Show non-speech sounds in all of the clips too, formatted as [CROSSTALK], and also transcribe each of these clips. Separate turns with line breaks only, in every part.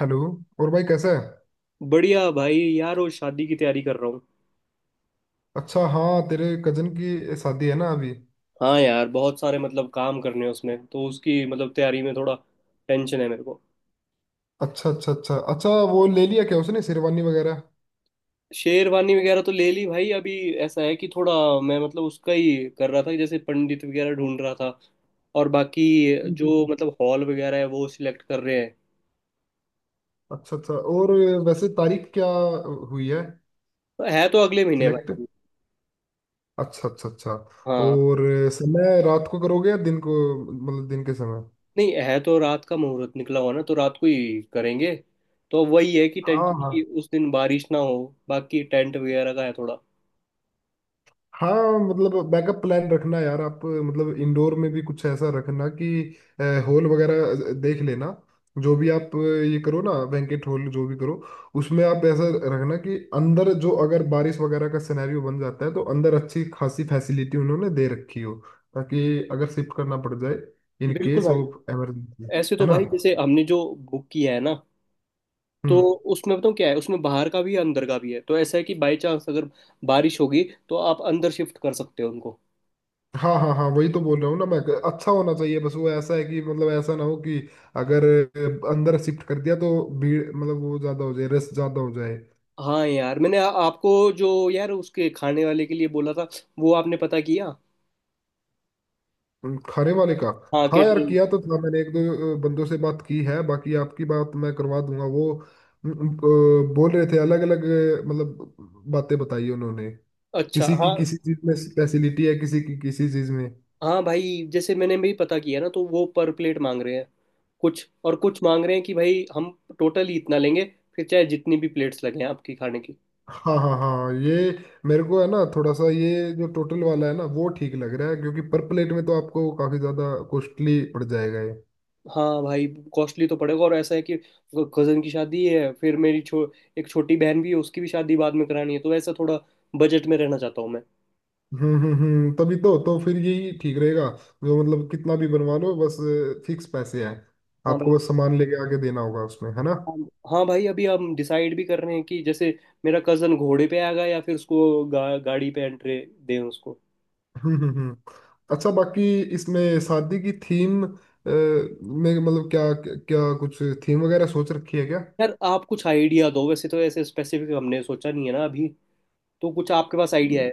Hello. और भाई कैसा है।
बढ़िया भाई, यार वो शादी की तैयारी कर रहा हूँ।
अच्छा, हाँ तेरे कजन की शादी है ना अभी।
हाँ यार, बहुत सारे मतलब काम करने हैं उसमें, तो उसकी मतलब तैयारी में थोड़ा टेंशन है मेरे को।
अच्छा अच्छा अच्छा अच्छा, वो ले लिया क्या उसने शेरवानी वगैरह।
शेरवानी वगैरह तो ले ली भाई। अभी ऐसा है कि थोड़ा मैं मतलब उसका ही कर रहा था, जैसे पंडित वगैरह ढूंढ रहा था और बाकी जो
हम्म।
मतलब हॉल वगैरह है वो सिलेक्ट कर रहे हैं।
अच्छा अच्छा। और वैसे तारीख क्या हुई है।
तो है तो अगले महीने
सिलेक्ट।
भाई अभी।
अच्छा अच्छा अच्छा।
हाँ।
और समय रात को करोगे या दिन को, मतलब दिन के समय।
नहीं, है तो रात का मुहूर्त निकला हुआ ना, तो रात को ही करेंगे। तो वही है कि
हाँ
टेंशन
हाँ
की उस दिन बारिश ना हो। बाकी टेंट वगैरह का है थोड़ा।
हाँ, मतलब बैकअप प्लान रखना यार। आप मतलब इंडोर में भी कुछ ऐसा रखना कि हॉल वगैरह देख लेना। जो भी आप ये करो ना, बैंकेट हॉल जो भी करो, उसमें आप ऐसा रखना कि अंदर जो अगर बारिश वगैरह का सिनेरियो बन जाता है तो अंदर अच्छी खासी फैसिलिटी उन्होंने दे रखी हो, ताकि अगर शिफ्ट करना पड़ जाए इन
बिल्कुल
केस
भाई।
Of emergency.
ऐसे तो
है ना।
भाई जैसे हमने जो बुक किया है ना, तो
हम्म।
उसमें बताऊँ क्या है, उसमें बाहर का भी है अंदर का भी है, तो ऐसा है कि बाई चांस अगर बारिश होगी तो आप अंदर शिफ्ट कर सकते हो उनको।
हाँ हाँ हाँ, वही तो बोल रहा हूँ ना मैं। अच्छा होना चाहिए, बस वो ऐसा है कि मतलब ऐसा ना हो कि अगर अंदर शिफ्ट कर दिया तो भीड़ मतलब वो ज्यादा हो जाए, रस ज्यादा हो जाए।
हाँ यार, मैंने आपको जो यार उसके खाने वाले के लिए बोला था, वो आपने पता किया?
खाने वाले का।
हाँ,
हाँ यार,
कैटरिंग।
किया तो था मैंने। एक दो बंदों से बात की है, बाकी आपकी बात मैं करवा दूंगा वो। बोल रहे थे अलग अलग, मतलब बातें बताई उन्होंने।
अच्छा।
किसी
हाँ,
की किसी चीज में स्पेशलिटी है, किसी की किसी चीज में।
हाँ भाई, जैसे मैंने भी पता किया ना, तो वो पर प्लेट मांग रहे हैं, कुछ और कुछ मांग रहे हैं कि भाई हम टोटल ही इतना लेंगे, फिर चाहे जितनी भी प्लेट्स लगे आपकी खाने की।
हाँ हाँ हाँ, ये मेरे को है ना थोड़ा सा, ये जो टोटल वाला है ना वो ठीक लग रहा है, क्योंकि पर प्लेट में तो आपको काफी ज्यादा कॉस्टली पड़ जाएगा ये।
हाँ भाई। कॉस्टली तो पड़ेगा, और ऐसा है कि कजन की शादी है, फिर मेरी एक छोटी बहन भी है, उसकी भी शादी बाद में करानी है, तो ऐसा थोड़ा बजट में रहना चाहता हूँ मैं।
हम्म, तभी तो फिर यही ठीक रहेगा, जो मतलब कितना भी बनवा लो, बस फिक्स पैसे हैं।
हाँ भाई।
आपको बस सामान लेके आके देना होगा उसमें, है ना।
हाँ, हाँ भाई, अभी हम डिसाइड भी कर रहे हैं कि जैसे मेरा कजन घोड़े पे आएगा या फिर उसको गाड़ी पे एंट्री दें उसको।
हम्म हम्म हम्म। अच्छा, बाकी इसमें शादी की थीम में मतलब क्या क्या कुछ थीम वगैरह सोच रखी है क्या।
यार आप कुछ आइडिया दो, वैसे तो ऐसे स्पेसिफिक हमने सोचा नहीं है ना अभी। तो कुछ आपके पास आइडिया है?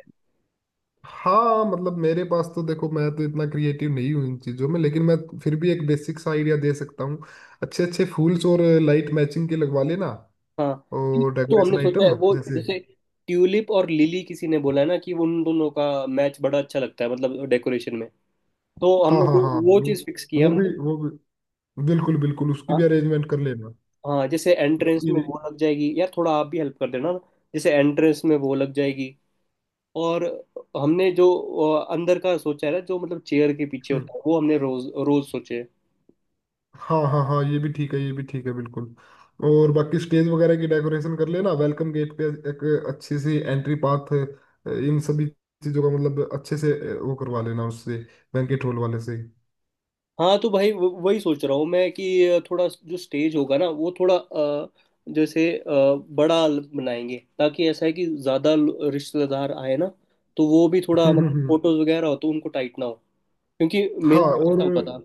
हाँ मतलब, मेरे पास तो देखो, मैं तो इतना क्रिएटिव नहीं हूँ इन चीज़ों में, लेकिन मैं फिर भी एक बेसिक सा आइडिया दे सकता हूँ। अच्छे अच्छे फूल्स और लाइट मैचिंग के लगवा लेना,
हाँ,
और
तो हमने
डेकोरेशन
सोचा है
आइटम
वो
जैसे।
जैसे ट्यूलिप और लिली, किसी ने बोला है ना कि उन दोनों का मैच बड़ा अच्छा लगता है, मतलब डेकोरेशन में। तो
हाँ
हमने
हाँ
कोई
हाँ,
वो
वो
चीज़ फिक्स की है
वो भी
हमने।
वो भी बिल्कुल बिल्कुल, उसकी भी
हाँ।
अरेंजमेंट कर लेना।
हाँ जैसे एंट्रेंस
बाकी।
में वो लग जाएगी, यार थोड़ा आप भी हेल्प कर देना ना, जैसे एंट्रेंस में वो लग जाएगी। और हमने जो अंदर का सोचा है ना, जो मतलब चेयर के पीछे
हम्म।
होता है, वो हमने रोज रोज सोचे है।
हाँ हाँ हाँ, ये भी ठीक है, ये भी ठीक है, बिल्कुल। और बाकी स्टेज वगैरह की डेकोरेशन कर लेना, वेलकम गेट पे एक अच्छी सी एंट्री पाथ, इन सभी चीजों का मतलब अच्छे से वो करवा लेना उससे, बैंकेट हॉल वाले से। [LAUGHS]
हाँ तो भाई, वही सोच रहा हूँ मैं कि थोड़ा जो स्टेज होगा ना, वो थोड़ा जैसे बड़ा बनाएंगे, ताकि ऐसा है कि ज़्यादा रिश्तेदार आए ना, तो वो भी थोड़ा
हम्म,
मतलब
हम्म, हम्म।
फोटोज वगैरह हो तो उनको टाइट ना हो, क्योंकि
हाँ।
मेरे को
और
ऐसा पता।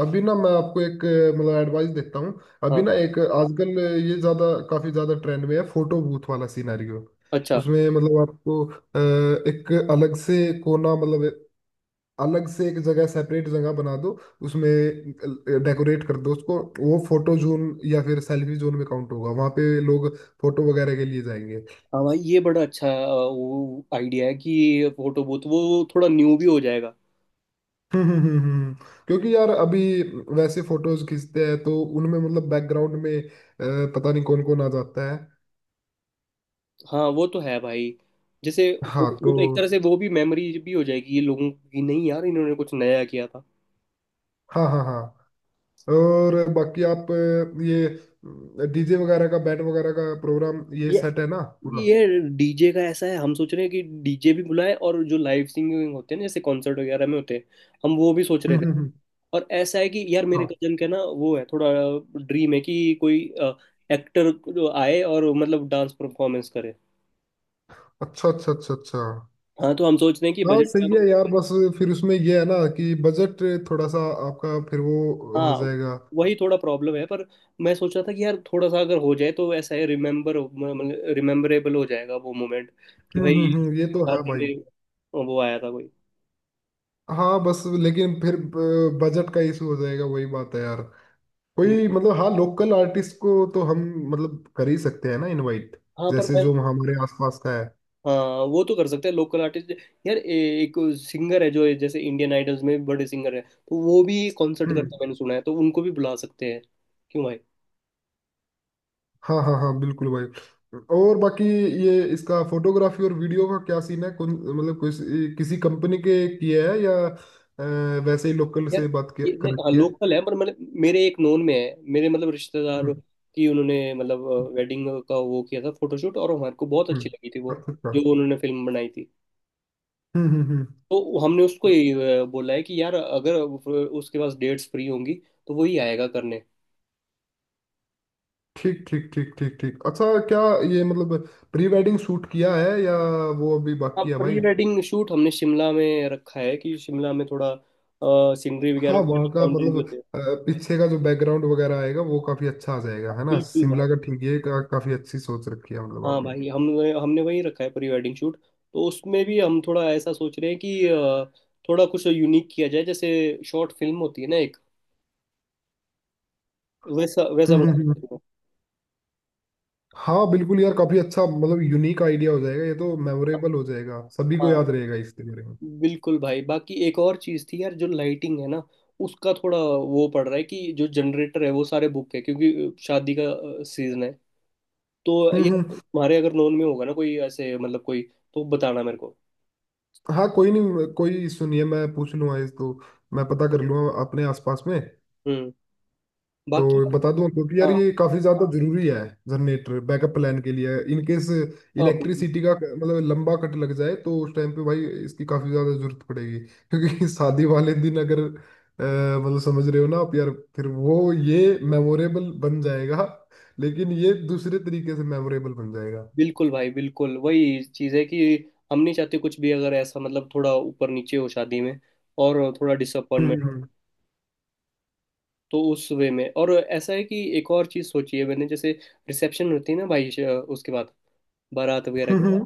अभी ना मैं आपको एक मतलब एडवाइस देता हूँ, अभी
हाँ,
ना एक आजकल ये ज्यादा, काफी ज्यादा ट्रेंड में है, फोटो बूथ वाला सिनेरियो।
अच्छा।
उसमें मतलब आपको एक अलग से कोना, मतलब अलग से एक जगह, सेपरेट जगह बना दो, उसमें डेकोरेट कर दो उसको, वो फोटो जोन या फिर सेल्फी जोन में काउंट होगा। वहां पे लोग फोटो वगैरह के लिए जाएंगे।
हाँ भाई, ये बड़ा अच्छा वो आइडिया है कि फोटो बूथ, वो थोड़ा न्यू भी हो जाएगा।
[LAUGHS] हम्म हम्म हम्म हम्म। क्योंकि यार अभी वैसे फोटोज खींचते हैं तो उनमें मतलब बैकग्राउंड में पता नहीं कौन कौन आ जाता है।
हाँ वो तो है भाई। जैसे
हाँ
फोटो
तो।
बूथ एक तरह से वो भी मेमोरी भी हो जाएगी ये लोगों की, नहीं यार इन्होंने कुछ नया किया था।
हाँ हाँ हाँ। और बाकी आप ये डीजे वगैरह का, बैंड वगैरह का प्रोग्राम ये
ये
सेट है ना पूरा।
ये डीजे का ऐसा है, हम सोच रहे हैं कि डीजे भी बुलाए और जो लाइव सिंगिंग होते हैं ना, जैसे कॉन्सर्ट वगैरह में होते हैं, हम वो भी सोच
[LAUGHS]
रहे
हम्म
थे।
हम्म हम्म।
और ऐसा है कि यार मेरे
हाँ।
कजन का ना वो है थोड़ा ड्रीम है कि कोई एक्टर आए और मतलब डांस परफॉर्मेंस करे।
अच्छा अच्छा अच्छा अच्छा।
हाँ तो हम सोच रहे हैं कि
हाँ
बजट।
सही है यार, बस फिर उसमें ये है ना कि बजट थोड़ा सा आपका फिर वो
हाँ
हो जाएगा।
वही थोड़ा प्रॉब्लम है, पर मैं सोच रहा था कि यार थोड़ा सा अगर हो जाए तो ऐसा है, रिमेम्बरेबल हो जाएगा वो मोमेंट, कि भाई
हम्म, ये तो है
शादी
भाई।
में वो आया था कोई।
हाँ बस लेकिन फिर बजट का इशू हो जाएगा, वही बात है यार। कोई
हम्म।
मतलब, हाँ, लोकल आर्टिस्ट को तो हम मतलब कर ही सकते हैं ना इनवाइट,
हाँ पर
जैसे
मैं।
जो हमारे आसपास का है।
हाँ वो तो कर सकते हैं लोकल आर्टिस्ट। यार एक सिंगर है जो जैसे इंडियन आइडल्स में बड़े सिंगर है, तो वो भी कॉन्सर्ट
हम्म।
करते हैं मैंने सुना है, तो उनको भी बुला सकते हैं। क्यों भाई?
हाँ हाँ हाँ बिल्कुल भाई। और बाकी ये, इसका फोटोग्राफी और वीडियो का क्या सीन है, कौन मतलब कोई किसी कंपनी के किया है या वैसे ही लोकल
यार
से
ये नहीं,
कर
हाँ
रखी है।
लोकल है पर मैंने, मेरे एक नोन में है, मेरे मतलब रिश्तेदार
हम्म।
की, उन्होंने मतलब
हम्म,
वेडिंग का वो किया था फोटोशूट और हमारे को बहुत
हम्म।
अच्छी लगी थी वो,
अच्छा अच्छा।
जो उन्होंने फिल्म बनाई थी,
हम्म हम्म हम्म
तो हमने उसको
हम्म।
ये बोला है कि यार अगर उसके पास डेट्स फ्री होंगी तो वो ही आएगा करने।
ठीक ठीक ठीक ठीक ठीक। अच्छा क्या ये मतलब प्री वेडिंग शूट किया है, या वो अभी
हाँ,
बाकी है
प्री
भाई।
वेडिंग शूट हमने शिमला में रखा है, कि शिमला में थोड़ा सीनरी
हाँ
वगैरह भी,
वहाँ का
माउंटेन भी
मतलब
होते हैं।
अ, पीछे का जो बैकग्राउंड वगैरह आएगा वो काफी अच्छा आ जाएगा,
हाँ,
है ना,
बिल्कुल।
शिमला का। ठीक है, काफी अच्छी सोच रखी है मतलब
हाँ
आपने।
भाई, हम, हमने वही रखा है प्री वेडिंग शूट। तो उसमें भी हम थोड़ा ऐसा सोच रहे हैं कि थोड़ा कुछ यूनिक किया जाए, जैसे शॉर्ट फिल्म होती है ना एक, वैसा वैसा
हम्म हम्म
बनाया
हम्म।
जाए।
हाँ बिल्कुल यार, काफी अच्छा, मतलब यूनिक आइडिया हो जाएगा ये तो, मेमोरेबल हो जाएगा, सभी को
हाँ
याद रहेगा इसके बारे में।
बिल्कुल भाई। बाकी एक और चीज़ थी यार, जो लाइटिंग है ना, उसका थोड़ा वो पड़ रहा है कि जो जनरेटर है वो सारे बुक है क्योंकि शादी का सीजन है। तो
हम्म
यार
हम्म।
तुम्हारे अगर नॉन में होगा ना कोई ऐसे मतलब कोई, तो बताना मेरे को।
हाँ कोई नहीं, कोई सुनिए मैं पूछ लूंगा इस तो, मैं पता कर लूंगा अपने आसपास में।
हम्म।
तो
बाकी
बता दूं आपको कि यार
हाँ।
ये काफी ज्यादा जरूरी है, जनरेटर बैकअप प्लान के लिए, इन केस
हाँ,
इलेक्ट्रिसिटी का मतलब लंबा कट लग जाए तो उस टाइम पे भाई इसकी काफी ज्यादा जरूरत पड़ेगी, क्योंकि [LAUGHS] शादी वाले दिन अगर मतलब समझ रहे हो ना आप यार। फिर वो ये मेमोरेबल बन जाएगा, लेकिन ये दूसरे तरीके से मेमोरेबल बन जाएगा।
बिल्कुल भाई, बिल्कुल वही चीज़ है कि हम नहीं चाहते कुछ भी अगर ऐसा मतलब थोड़ा ऊपर नीचे हो शादी में और थोड़ा
हम्म
डिसअपॉइंटमेंट।
हम्म,
तो उस वे में, और ऐसा है कि एक और चीज़ सोची है मैंने, जैसे रिसेप्शन होती है ना भाई, उसके बाद, बारात वगैरह के बाद,
हम्म,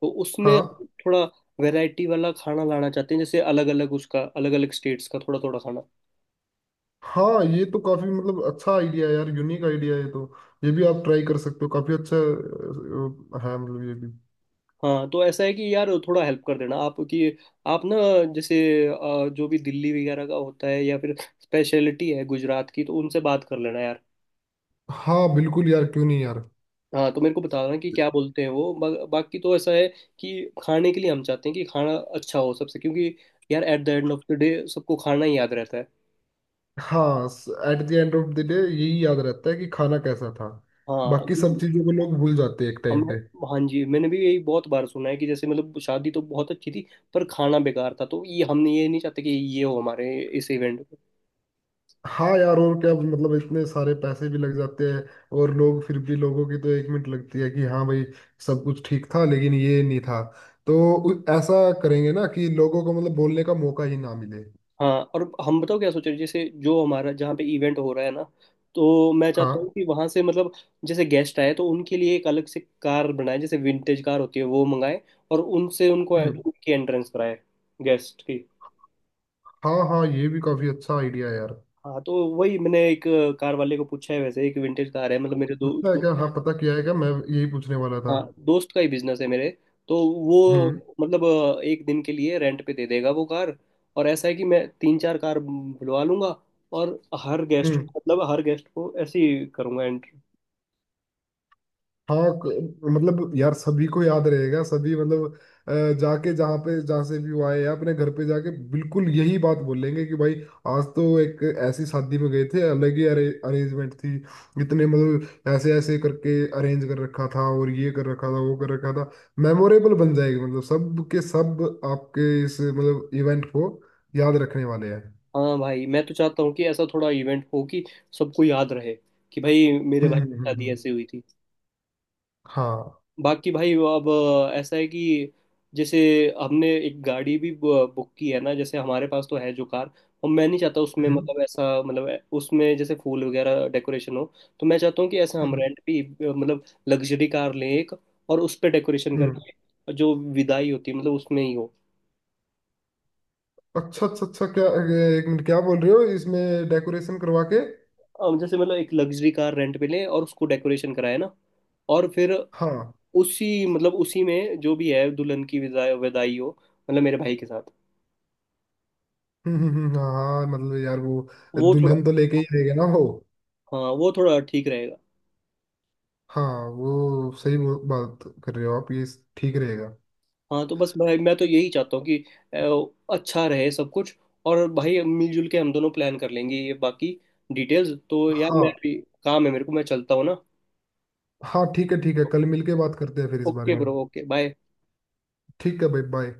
तो उसमें
हाँ।
हम थोड़ा वैरायटी वाला खाना लाना चाहते हैं, जैसे अलग अलग उसका, अलग अलग स्टेट्स का थोड़ा थोड़ा खाना।
हाँ ये तो काफी मतलब अच्छा आइडिया है यार, यूनिक आइडिया है ये तो, ये भी आप ट्राई कर सकते हो, काफी अच्छा है मतलब ये भी।
हाँ तो ऐसा है कि यार थोड़ा हेल्प कर देना आप कि आप ना जैसे जो भी दिल्ली वगैरह का होता है या फिर स्पेशलिटी है गुजरात की, तो उनसे बात कर लेना यार।
हाँ बिल्कुल यार, क्यों नहीं यार।
हाँ तो मेरे को बताना कि क्या बोलते हैं वो। बाकी तो ऐसा है कि खाने के लिए हम चाहते हैं कि खाना अच्छा हो सबसे, क्योंकि यार at the end of the day सबको खाना ही याद रहता है।
हाँ at the end of the day यही याद रहता है कि खाना कैसा था,
हाँ
बाकी
कि
सब चीजों को लोग भूल जाते हैं एक टाइम
हमने,
पे।
हाँ जी, मैंने भी यही बहुत बार सुना है कि जैसे मतलब शादी तो बहुत अच्छी थी पर खाना बेकार था, तो ये हम ये नहीं चाहते कि ये हो हमारे इस इवेंट।
हाँ यार, और क्या, मतलब इतने सारे पैसे भी लग जाते हैं, और लोग फिर भी, लोगों की तो एक मिनट लगती है कि हाँ भाई, सब कुछ ठीक था लेकिन ये नहीं था। तो ऐसा करेंगे ना कि लोगों को मतलब बोलने का मौका ही ना मिले।
हाँ, और हम बताओ क्या सोच रहे हैं? जैसे जो हमारा, जहाँ पे इवेंट हो रहा है ना, तो मैं चाहता
हाँ।
हूँ कि वहाँ से मतलब जैसे गेस्ट आए तो उनके लिए एक अलग से कार बनाए, जैसे विंटेज कार होती है वो मंगाए, और उनसे उनको
हम्म।
उनकी एंट्रेंस कराए, गेस्ट की।
हाँ हाँ ये भी काफी अच्छा आइडिया है यार।
हाँ तो वही मैंने एक कार वाले को पूछा है, वैसे एक विंटेज कार है मतलब मेरे दो
पूछना है
दो।
क्या, हाँ पता किया है क्या, मैं यही पूछने वाला था।
हाँ दोस्त का ही बिजनेस है मेरे। तो वो मतलब एक दिन के लिए रेंट पे दे देगा वो कार। और ऐसा है कि मैं तीन चार कार बुलवा लूंगा, और हर गेस्ट
हम्म।
को, मतलब हर गेस्ट को ऐसे ही करूंगा एंट्री।
हाँ, मतलब यार सभी को याद रहेगा, सभी मतलब अ, जाके जहाँ पे, जहाँ से भी वो आए या अपने घर पे जाके, बिल्कुल यही बात बोलेंगे कि भाई आज तो एक ऐसी शादी में गए थे, अलग ही अरेंजमेंट थी, इतने मतलब ऐसे ऐसे करके अरेंज कर रखा था, और ये कर रखा था, वो कर रखा था। मेमोरेबल बन जाएगी, मतलब सब के सब आपके इस मतलब इवेंट को याद रखने वाले हैं।
हाँ भाई, मैं तो चाहता हूँ कि ऐसा थोड़ा इवेंट हो कि सबको याद रहे कि भाई मेरे भाई
हम्म
की
हम्म हम्म,
शादी
हम्म।
ऐसे हुई थी।
हाँ।
बाकी भाई वो अब ऐसा है कि जैसे हमने एक गाड़ी भी बुक की है ना, जैसे हमारे पास तो है जो कार, और मैं नहीं चाहता उसमें
हम्म
मतलब ऐसा, मतलब उसमें जैसे फूल वगैरह डेकोरेशन हो। तो मैं चाहता हूँ कि ऐसे हम
हम्म
रेंट पे मतलब लग्जरी कार लें एक, और उस पर डेकोरेशन
हम्म।
करके जो विदाई होती है मतलब उसमें ही हो।
अच्छा अच्छा अच्छा, क्या क्या बोल रहे हो, इसमें डेकोरेशन करवा के।
अब जैसे मतलब एक लग्जरी कार रेंट पे लें, और उसको डेकोरेशन कराए ना, और फिर
हाँ।
उसी मतलब उसी में जो भी है, दुल्हन की विदाई विदाई हो, मतलब मेरे भाई के साथ।
हाँ। हाँ, मतलब यार वो
वो थोड़ा,
दुल्हन तो लेके ही रहेगा ना वो।
हाँ वो थोड़ा ठीक रहेगा।
हाँ वो सही, वो बात कर रहे हो आप, ये ठीक रहेगा।
हाँ, तो बस भाई मैं तो यही चाहता हूँ कि अच्छा रहे सब कुछ, और भाई मिलजुल के हम दोनों प्लान कर लेंगे ये। बाकी डिटेल्स तो यार, मैं
हाँ।
भी, काम है मेरे को, मैं चलता हूँ ना।
हाँ ठीक है ठीक है, कल मिलके बात करते हैं फिर इस बारे
ओके
में।
Bro, okay bye.
ठीक है भाई, बाय।